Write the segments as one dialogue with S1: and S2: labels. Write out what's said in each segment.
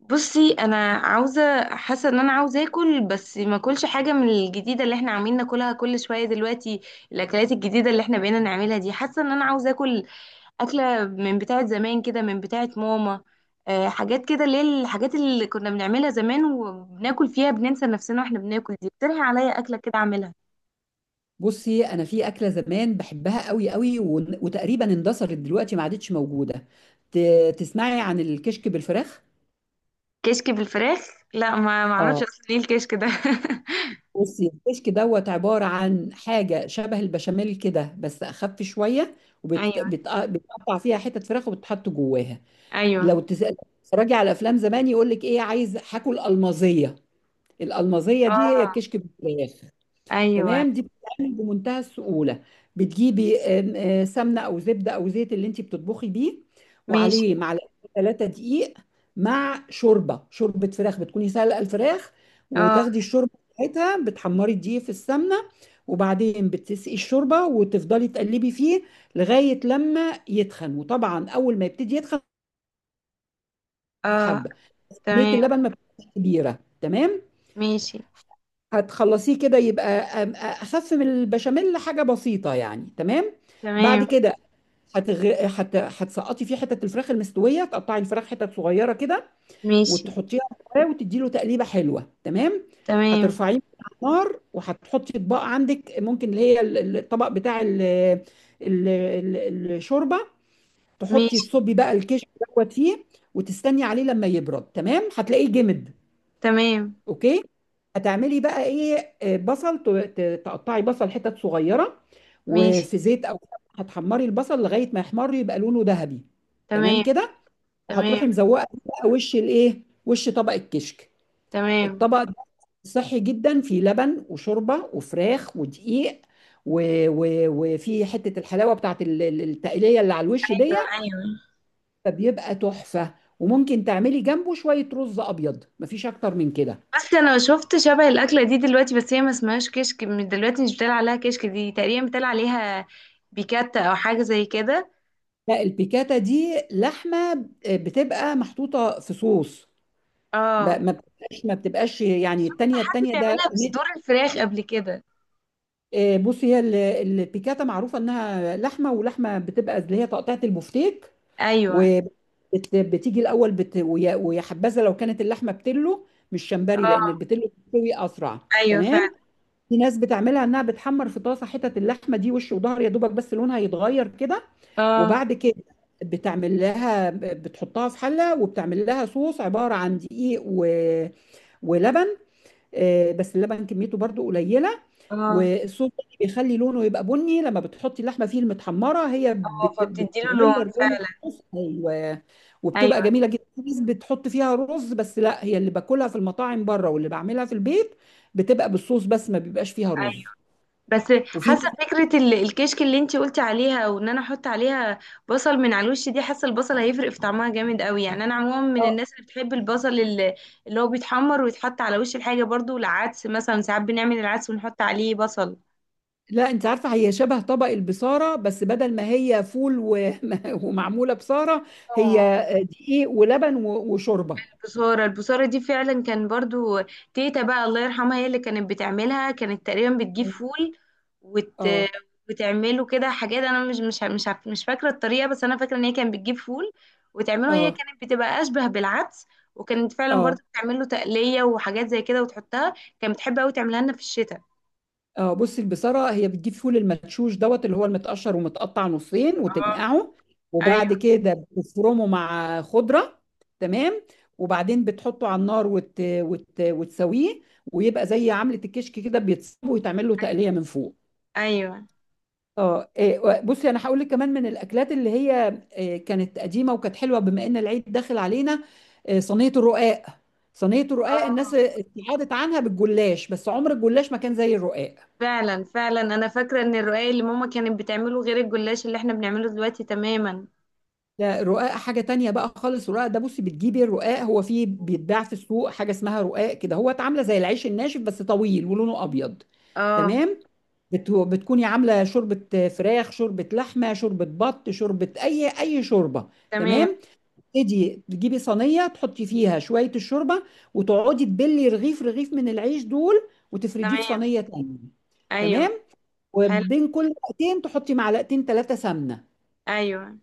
S1: بصي، انا عاوزه حاسه ان انا عاوزه اكل، بس ما اكلش حاجه من الجديده اللي احنا عاملين ناكلها كل شويه دلوقتي. الاكلات الجديده اللي احنا بقينا نعملها دي، حاسه ان انا عاوزه اكل اكله من بتاعه زمان كده، من بتاعه ماما. أه، حاجات كده اللي هي الحاجات اللي كنا بنعملها زمان وبناكل فيها بننسى نفسنا واحنا بناكل دي. اقترحي عليا اكله كده اعملها.
S2: بصي، انا في اكله زمان بحبها قوي قوي وتقريبا اندثرت دلوقتي ما عادتش موجوده. تسمعي عن الكشك بالفراخ؟
S1: كشك بالفراخ. لا، ما اعرفش
S2: اه.
S1: اصلا ايه الكشك ده.
S2: بصي، الكشك دوت عباره عن حاجه شبه البشاميل كده بس اخف شويه،
S1: ايوه.
S2: وبتقطع فيها حتت فراخ وبتحط جواها.
S1: ايوه.
S2: لو تتفرجي على افلام زمان يقول لك ايه: عايز هاكل المازيه. الالمازيه دي هي
S1: اه.
S2: الكشك بالفراخ.
S1: ايوه.
S2: تمام، دي بتتعمل بمنتهى السهولة. بتجيبي آم، آه، سمنة أو زبدة أو زيت اللي أنت بتطبخي بيه،
S1: ماشي.
S2: وعليه معلقتين 3 دقيق، مع شوربة فراخ بتكوني سالقة الفراخ،
S1: اه.
S2: وتاخدي الشوربة بتاعتها بتحمري الدقيق في السمنة، وبعدين بتسقي الشوربة وتفضلي تقلبي فيه لغاية لما يتخن. وطبعا أول ما يبتدي يتخن
S1: اه.
S2: حبة، كمية
S1: تمام.
S2: اللبن ما بتبقاش كبيرة. تمام،
S1: ماشي.
S2: هتخلصيه كده يبقى اخف من البشاميل، حاجه بسيطه يعني. تمام، بعد
S1: تمام.
S2: كده هتسقطي فيه حتة الفراخ المستوية، تقطعي الفراخ حتت صغيرة كده
S1: ماشي.
S2: وتحطيها في الفرن وتدي له تقليبة حلوة. تمام،
S1: تمام.
S2: هترفعيه من على النار وهتحطي اطباق عندك، ممكن اللي هي الطبق بتاع الشوربة، تحطي
S1: ماشي.
S2: تصبي بقى الكشك دوت فيه وتستني عليه لما يبرد. تمام، هتلاقيه جمد.
S1: تمام.
S2: اوكي، هتعملي بقى ايه؟ بصل، تقطعي بصل حتت صغيره
S1: ماشي.
S2: وفي زيت او هتحمري البصل لغايه ما يحمر يبقى لونه ذهبي. تمام
S1: تمام.
S2: كده،
S1: تمام.
S2: وهتروحي مزوقه بقى وش الايه، وش طبق الكشك.
S1: تمام.
S2: الطبق ده صحي جدا، فيه لبن وشوربه وفراخ ودقيق و... و... وفي حته الحلاوه بتاعت التقليه اللي على الوش دي،
S1: ايوه، ايوه.
S2: فبيبقى تحفه. وممكن تعملي جنبه شويه رز ابيض، مفيش اكتر من كده.
S1: بس انا شفت شبه الاكله دي دلوقتي، بس هي ما اسمهاش كشك. من دلوقتي مش بتقال عليها كشك، دي تقريبا بتقال عليها بيكاتا او حاجه زي كده.
S2: لا، البيكاتا دي لحمة بتبقى محطوطة في صوص،
S1: اه.
S2: ما بتبقاش يعني
S1: شفت
S2: التانية
S1: حد
S2: التانية ده.
S1: بيعملها بصدور الفراخ قبل كده؟
S2: بصي هي البيكاتا معروفة انها لحمة، ولحمة بتبقى اللي هي تقطيعة البفتيك،
S1: ايوه.
S2: وبتيجي الأول بت... ويا ويا حبذا لو كانت اللحمة بتلو مش شمبري، لأن
S1: اه.
S2: البتلو بتستوي أسرع.
S1: ايوه،
S2: تمام،
S1: فعلا.
S2: في ناس بتعملها انها بتحمر في طاسة حتت اللحمة دي وش وظهر يا دوبك، بس لونها يتغير كده.
S1: اه.
S2: وبعد كده بتعمل لها، بتحطها في حلة وبتعمل لها صوص عبارة عن دقيق ولبن. بس اللبن كميته برضو قليلة.
S1: اه.
S2: والصوص ده بيخلي لونه يبقى بني، لما بتحطي اللحمة فيه المتحمرة هي
S1: اه، فبتديله لون.
S2: بتغير لون
S1: فعلا.
S2: الصوص، ايوه. وبتبقى
S1: ايوه.
S2: جميلة جدا. في ناس بتحط فيها رز، بس لا، هي اللي باكلها في المطاعم بره واللي بعملها في البيت بتبقى بالصوص بس ما بيبقاش فيها
S1: أيوة.
S2: رز.
S1: بس.
S2: وفي
S1: حاسه
S2: ناس،
S1: فكره الكشك اللي انتي قلتي عليها، وان انا احط عليها بصل من على الوش دي، حاسه البصل هيفرق في طعمها جامد قوي. يعني انا عموما من الناس اللي بتحب البصل اللي هو بيتحمر ويتحط على وش الحاجه، برضو العدس مثلا، ساعات بنعمل العدس ونحط عليه بصل.
S2: لا، انت عارفه هي شبه طبق البصاره، بس بدل ما هي فول ومعموله بصاره، هي
S1: اه.
S2: دقيق ولبن وشوربه.
S1: البصارة دي فعلا كان برضو. تيتا بقى، الله يرحمها، هي اللي كانت بتعملها. كانت تقريبا بتجيب فول وت...
S2: اه.
S1: وتعمله كده حاجات، انا مش فاكرة الطريقة، بس انا فاكرة ان هي كانت بتجيب فول وتعمله. هي
S2: اه.
S1: كانت بتبقى اشبه بالعدس، وكانت فعلا
S2: اه.
S1: برضو بتعمله تقلية وحاجات زي كده وتحطها. كانت بتحب قوي تعملها لنا في الشتاء.
S2: اه. بصي، البصاره هي بتجيب فول المدشوش دوت اللي هو المتقشر ومتقطع نصين
S1: اه.
S2: وتنقعه، وبعد
S1: ايوه.
S2: كده بتفرمه مع خضره. تمام، وبعدين بتحطه على النار وتسويه، ويبقى زي عملة الكشك كده، بيتصب ويتعمل له تقلية من فوق.
S1: ايوه.
S2: اه. بصي انا هقول لك كمان من الاكلات اللي هي كانت قديمه وكانت حلوه، بما ان العيد داخل علينا: صينيه الرقاق. صينيه الرقاق
S1: اه،
S2: الناس ابتعدت عنها بالجلاش، بس عمر الجلاش ما كان زي الرقاق.
S1: فعلا فعلا، انا فاكرة ان الرقاق اللي ماما كانت بتعمله غير الجلاش اللي احنا بنعمله دلوقتي تماما.
S2: لا، الرقاق حاجه تانية بقى خالص. الرقاق ده، بصي بتجيبي الرقاق، هو فيه بيتباع في السوق حاجه اسمها رقاق كده، هو عامله زي العيش الناشف بس طويل ولونه ابيض.
S1: اه.
S2: تمام، بتكوني عامله شوربه فراخ، شوربه لحمه، شوربه بط، شوربه اي شوربه.
S1: تمام.
S2: تمام، تبتدي تجيبي صينيه تحطي فيها شويه الشوربه، وتقعدي تبلي رغيف رغيف من العيش دول وتفرديه في
S1: تمام.
S2: صينيه تانية.
S1: ايوه.
S2: تمام،
S1: حلو.
S2: وبين كل وقتين تحطي معلقتين 3 سمنه.
S1: ايوه.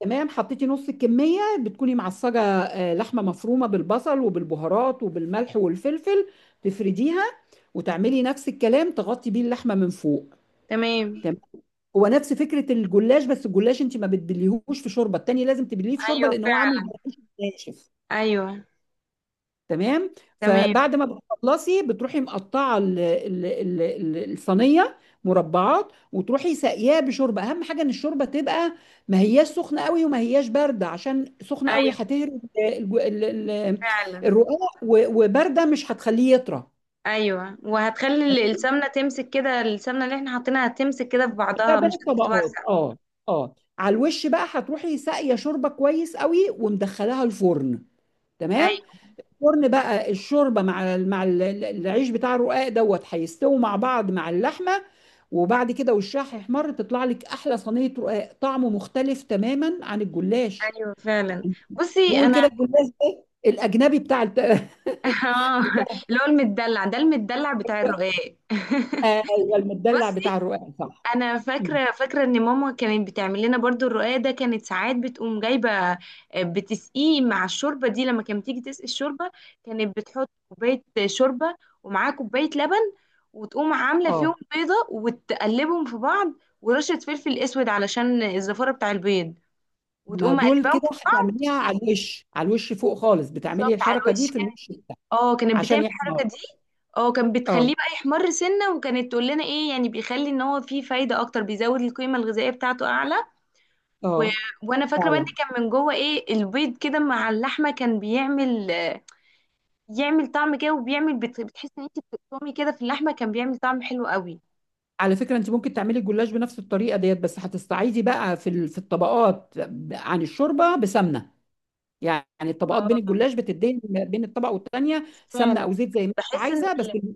S2: تمام، حطيتي نص الكميه، بتكوني معصجه لحمه مفرومه بالبصل وبالبهارات وبالملح والفلفل. تفرديها وتعملي نفس الكلام، تغطي بيه اللحمه من فوق.
S1: تمام.
S2: تمام، هو نفس فكره الجلاش، بس الجلاش انت ما بتبليهوش في شوربه، التاني لازم تبليه في شوربه
S1: ايوه،
S2: لان هو عامل زي
S1: فعلا.
S2: العيش الناشف.
S1: ايوه.
S2: تمام،
S1: تمام.
S2: فبعد ما بتخلصي بتروحي مقطعه الصينيه مربعات، وتروحي ساقياه بشوربه. اهم حاجه ان الشوربه تبقى ما هياش سخنه قوي وما هياش بارده، عشان سخنه قوي
S1: ايوه،
S2: هتهري ال-
S1: فعلا.
S2: الرقاق، وبارده مش هتخليه يطرى.
S1: ايوه. وهتخلي السمنه تمسك كده، السمنه اللي احنا حاطينها هتمسك كده في
S2: ده
S1: بعضها
S2: بين
S1: مش
S2: الطبقات.
S1: هتتوزع.
S2: اه. اه، على الوش بقى هتروحي ساقيه شوربه كويس قوي، ومدخلاها الفرن. تمام،
S1: ايوه.
S2: الفرن بقى الشوربه مع العيش بتاع الرقاق دوت هيستووا مع بعض مع اللحمه، وبعد كده وشها هيحمر، تطلع لك احلى صينيه رقاق طعمه مختلف تماما عن الجلاش.
S1: ايوه، فعلا. بصي
S2: بيقول
S1: انا
S2: كده الجلاش ده الاجنبي
S1: اه،
S2: بتاع
S1: اللي هو المدلع ده، المدلع بتاع
S2: الرقاق.
S1: الرقاق
S2: ايوه، المدلع
S1: بصي،
S2: بتاع الرقاق صح.
S1: انا
S2: مم.
S1: فاكره فاكره ان ماما كانت بتعمل لنا برضو الرقاق ده، كانت ساعات بتقوم جايبه، بتسقيه مع الشوربه دي لما كانت تيجي تسقي الشوربه. كانت بتحط كوبايه شوربه، ومعاها كوبايه لبن، وتقوم عامله فيهم
S2: اه،
S1: بيضه وتقلبهم في بعض، ورشه فلفل اسود علشان الزفاره بتاع البيض،
S2: ما
S1: وتقوم
S2: دول
S1: مقلباهم
S2: كده
S1: في بعض.
S2: هتعمليها على الوش، على الوش فوق خالص،
S1: بالظبط
S2: بتعملي
S1: على
S2: الحركه
S1: الوش.
S2: دي في الوش بتاعك
S1: اه، كانت
S2: عشان
S1: بتعمل
S2: يحمر.
S1: الحركه دي. اه، كان
S2: اه.
S1: بتخليه بقى يحمر سنه، وكانت تقول لنا ايه؟ يعني بيخلي ان هو فيه فايده اكتر، بيزود القيمه الغذائيه بتاعته اعلى. و...
S2: اه،
S1: وانا فاكره بقى ان
S2: فعلا.
S1: كان من جوه ايه البيض كده مع اللحمه، كان يعمل طعم كده، وبيعمل بتحس ان انت بتقطمي كده في اللحمه، كان بيعمل طعم حلو قوي.
S2: على فكرة، انت ممكن تعملي الجلاش بنفس الطريقة ديت، بس هتستعيدي بقى في الطبقات عن الشوربة بسمنة، يعني الطبقات بين
S1: اه،
S2: الجلاش، بتدي بين الطبقة والتانية سمنة
S1: فعلا.
S2: او زيت زي ما انت
S1: بحس ان
S2: عايزة، بس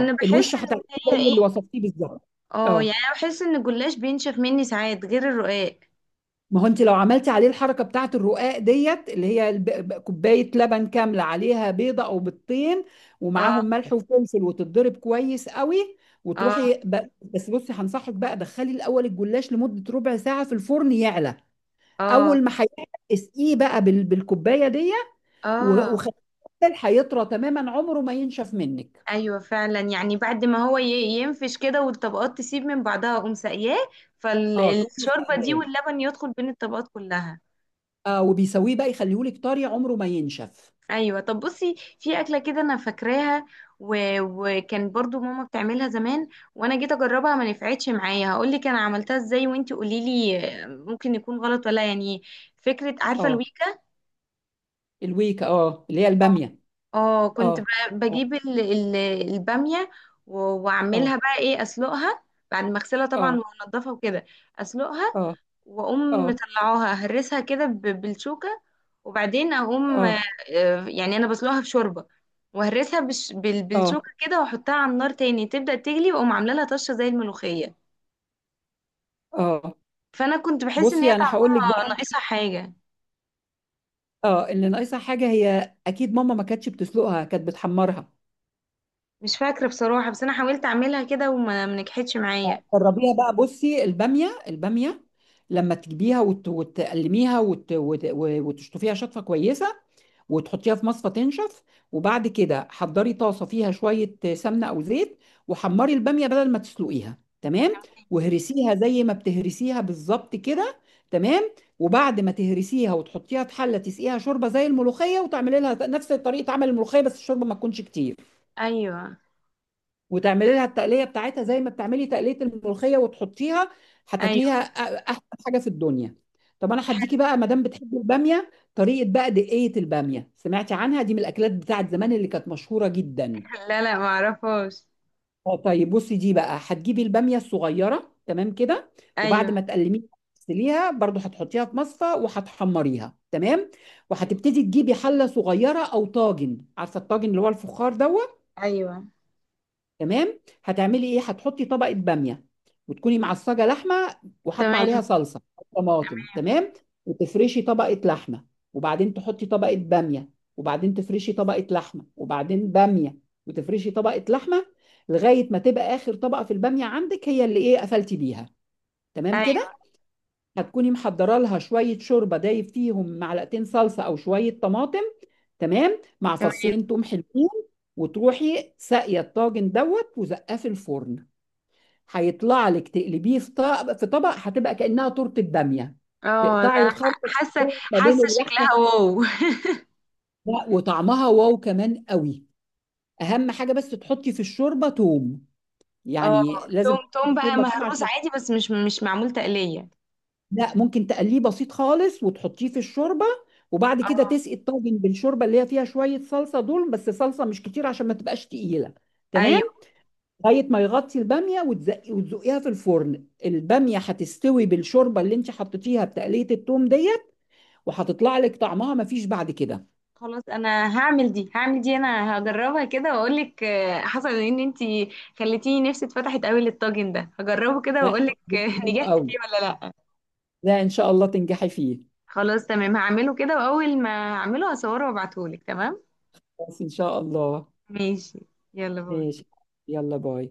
S1: انا
S2: الوش
S1: بحس ان
S2: هتعمليه
S1: هي
S2: زي
S1: ايه.
S2: اللي وصفتيه بالظبط.
S1: اه، يعني
S2: اه،
S1: انا بحس ان الجلاش بينشف مني ساعات غير الرقاق.
S2: ما هو انت لو عملتي عليه الحركه بتاعت الرقاق ديت، اللي هي كوبايه لبن كامله عليها بيضه او بيضتين، ومعاهم
S1: اه.
S2: ملح وفلفل وتتضرب كويس قوي،
S1: اه.
S2: وتروحي بس بصي هنصحك بقى: دخلي الاول الجلاش لمده ربع ساعه في الفرن يعلى.
S1: اه.
S2: اول ما هيعلى اسقيه بقى بالكوبايه دي
S1: اه.
S2: وخليه، هيطرى تماما عمره ما ينشف منك.
S1: ايوه، فعلا، يعني بعد ما هو ينفش كده والطبقات تسيب من بعضها اقوم ساقياه،
S2: اه، تقومي
S1: فالشوربه دي
S2: سقياه.
S1: واللبن يدخل بين الطبقات كلها.
S2: اه، وبيسويه بقى يخليهولك طري عمره ما ينشف.
S1: ايوه. طب، بصي، في اكله كده انا فاكراها، وكان برضو ماما بتعملها زمان، وانا جيت اجربها ما نفعتش معايا. هقول لك انا عملتها ازاي وانتي قولي لي ممكن يكون غلط ولا، يعني. فكره، عارفه
S2: اه،
S1: الويكا؟
S2: الويكا، اه اللي هي الباميه.
S1: اه. كنت
S2: اه.
S1: بجيب الباميه،
S2: اه.
S1: واعملها بقى ايه، اسلقها. بعد ما اغسلها طبعا
S2: اه.
S1: وانضفها وكده. اسلقها.
S2: اه.
S1: واقوم
S2: اه.
S1: مطلعاها اهرسها كده بالشوكه، وبعدين اقوم،
S2: اه.
S1: يعني انا بسلقها في شوربه، واهرسها
S2: اه.
S1: بالشوكه كده، واحطها على النار تاني تبدا تغلي، واقوم عامله لها طشه زي الملوخيه.
S2: اه.
S1: فانا كنت بحس ان هي
S2: بصي انا هقول لك
S1: طعمها
S2: بقى انت،
S1: ناقصها حاجه.
S2: اه اللي ناقصها حاجه هي اكيد ماما ما كانتش بتسلقها، كانت بتحمرها.
S1: مش فاكره بصراحه، بس انا حاولت اعملها كده وما ما نجحتش معايا.
S2: جربيها بقى. بصي الباميه، الباميه لما تجيبيها وتقلميها وتشطفيها شطفه كويسه وتحطيها في مصفى تنشف، وبعد كده حضري طاسه فيها شويه سمنه او زيت، وحمري الباميه بدل ما تسلقيها. تمام، وهرسيها زي ما بتهرسيها بالظبط كده. تمام، وبعد ما تهرسيها وتحطيها في حله، تسقيها شوربه زي الملوخيه، وتعملي لها نفس طريقه عمل الملوخيه، بس الشوربه ما تكونش كتير.
S1: ايوه.
S2: وتعملي لها التقليه بتاعتها زي ما بتعملي تقليه الملوخيه وتحطيها،
S1: ايوه.
S2: هتاكليها احسن حاجه في الدنيا. طب انا هديكي بقى، ما دام بتحبي الباميه، طريقه بقى دقيه الباميه، سمعتي عنها؟ دي من الاكلات بتاعت زمان اللي كانت مشهوره جدا.
S1: حلو. لا، لا، ما اعرفهاش.
S2: اه، طيب بصي، دي بقى هتجيبي الباميه الصغيره. تمام كده،
S1: ايوه.
S2: وبعد ما تقلميها تغسليها برضو، هتحطيها في مصفى وهتحمريها. تمام، وهتبتدي تجيبي حله صغيره او طاجن، عارفه الطاجن اللي هو الفخار دوت.
S1: ايوه.
S2: تمام، هتعملي ايه؟ هتحطي طبقه باميه، وتكوني معصجه لحمه وحاطه
S1: تمام.
S2: عليها صلصه أو طماطم. تمام، وتفرشي طبقه لحمه، وبعدين تحطي طبقه باميه، وبعدين تفرشي طبقه لحمه، وبعدين باميه، وتفرشي طبقه لحمه، لغايه ما تبقى اخر طبقه في الباميه عندك هي اللي ايه قفلتي بيها. تمام كده،
S1: ايوه.
S2: هتكوني محضره لها شويه شوربه دايب فيهم معلقتين صلصه او شويه طماطم، تمام، مع فصين
S1: تمام.
S2: توم حلوين. وتروحي ساقيه الطاجن دوت وزقاه في الفرن. هيطلع لك تقلبيه في طبق، في طبق هتبقى كأنها تورتة بامية.
S1: اه،
S2: تقطعي
S1: لا، ح-
S2: الخرطة
S1: حاسه
S2: ما بين
S1: حاسه شكلها
S2: اللحمة،
S1: واو.
S2: لا وطعمها واو كمان قوي. أهم حاجة بس تحطي في الشوربة توم،
S1: اه.
S2: يعني لازم
S1: توم،
S2: تحطي في
S1: توم بقى
S2: الشوربة توم
S1: مهروس
S2: عشان.
S1: عادي، بس مش معمول تقلية؟
S2: لا، ممكن تقليه بسيط خالص وتحطيه في الشوربة، وبعد كده
S1: اه.
S2: تسقي الطاجن بالشوربة اللي هي فيها شوية صلصة دول، بس صلصة مش كتير عشان ما تبقاش تقيلة. تمام،
S1: ايوه.
S2: لغاية ما يغطي البامية وتزقي وتزقيها في الفرن، البامية هتستوي بالشوربة اللي انت حطيتيها بتقلية التوم دي، وهتطلع لك طعمها ما فيش بعد كده.
S1: خلاص، انا هعمل دي، هعمل دي، انا هجربها كده واقول لك. حصل ان انت خليتيني، نفسي اتفتحت قوي للطاجن ده، هجربه كده
S2: ده
S1: واقول لك.
S2: هيحبس منه
S1: نجحت
S2: قوي.
S1: فيه ولا لا؟
S2: لا، ان شاء الله تنجحي فيه.
S1: خلاص تمام، هعمله كده، واول ما اعمله هصوره وابعتهولك. تمام.
S2: بس ان شاء الله.
S1: ماشي. يلا، باي.
S2: ماشي، يلا باي.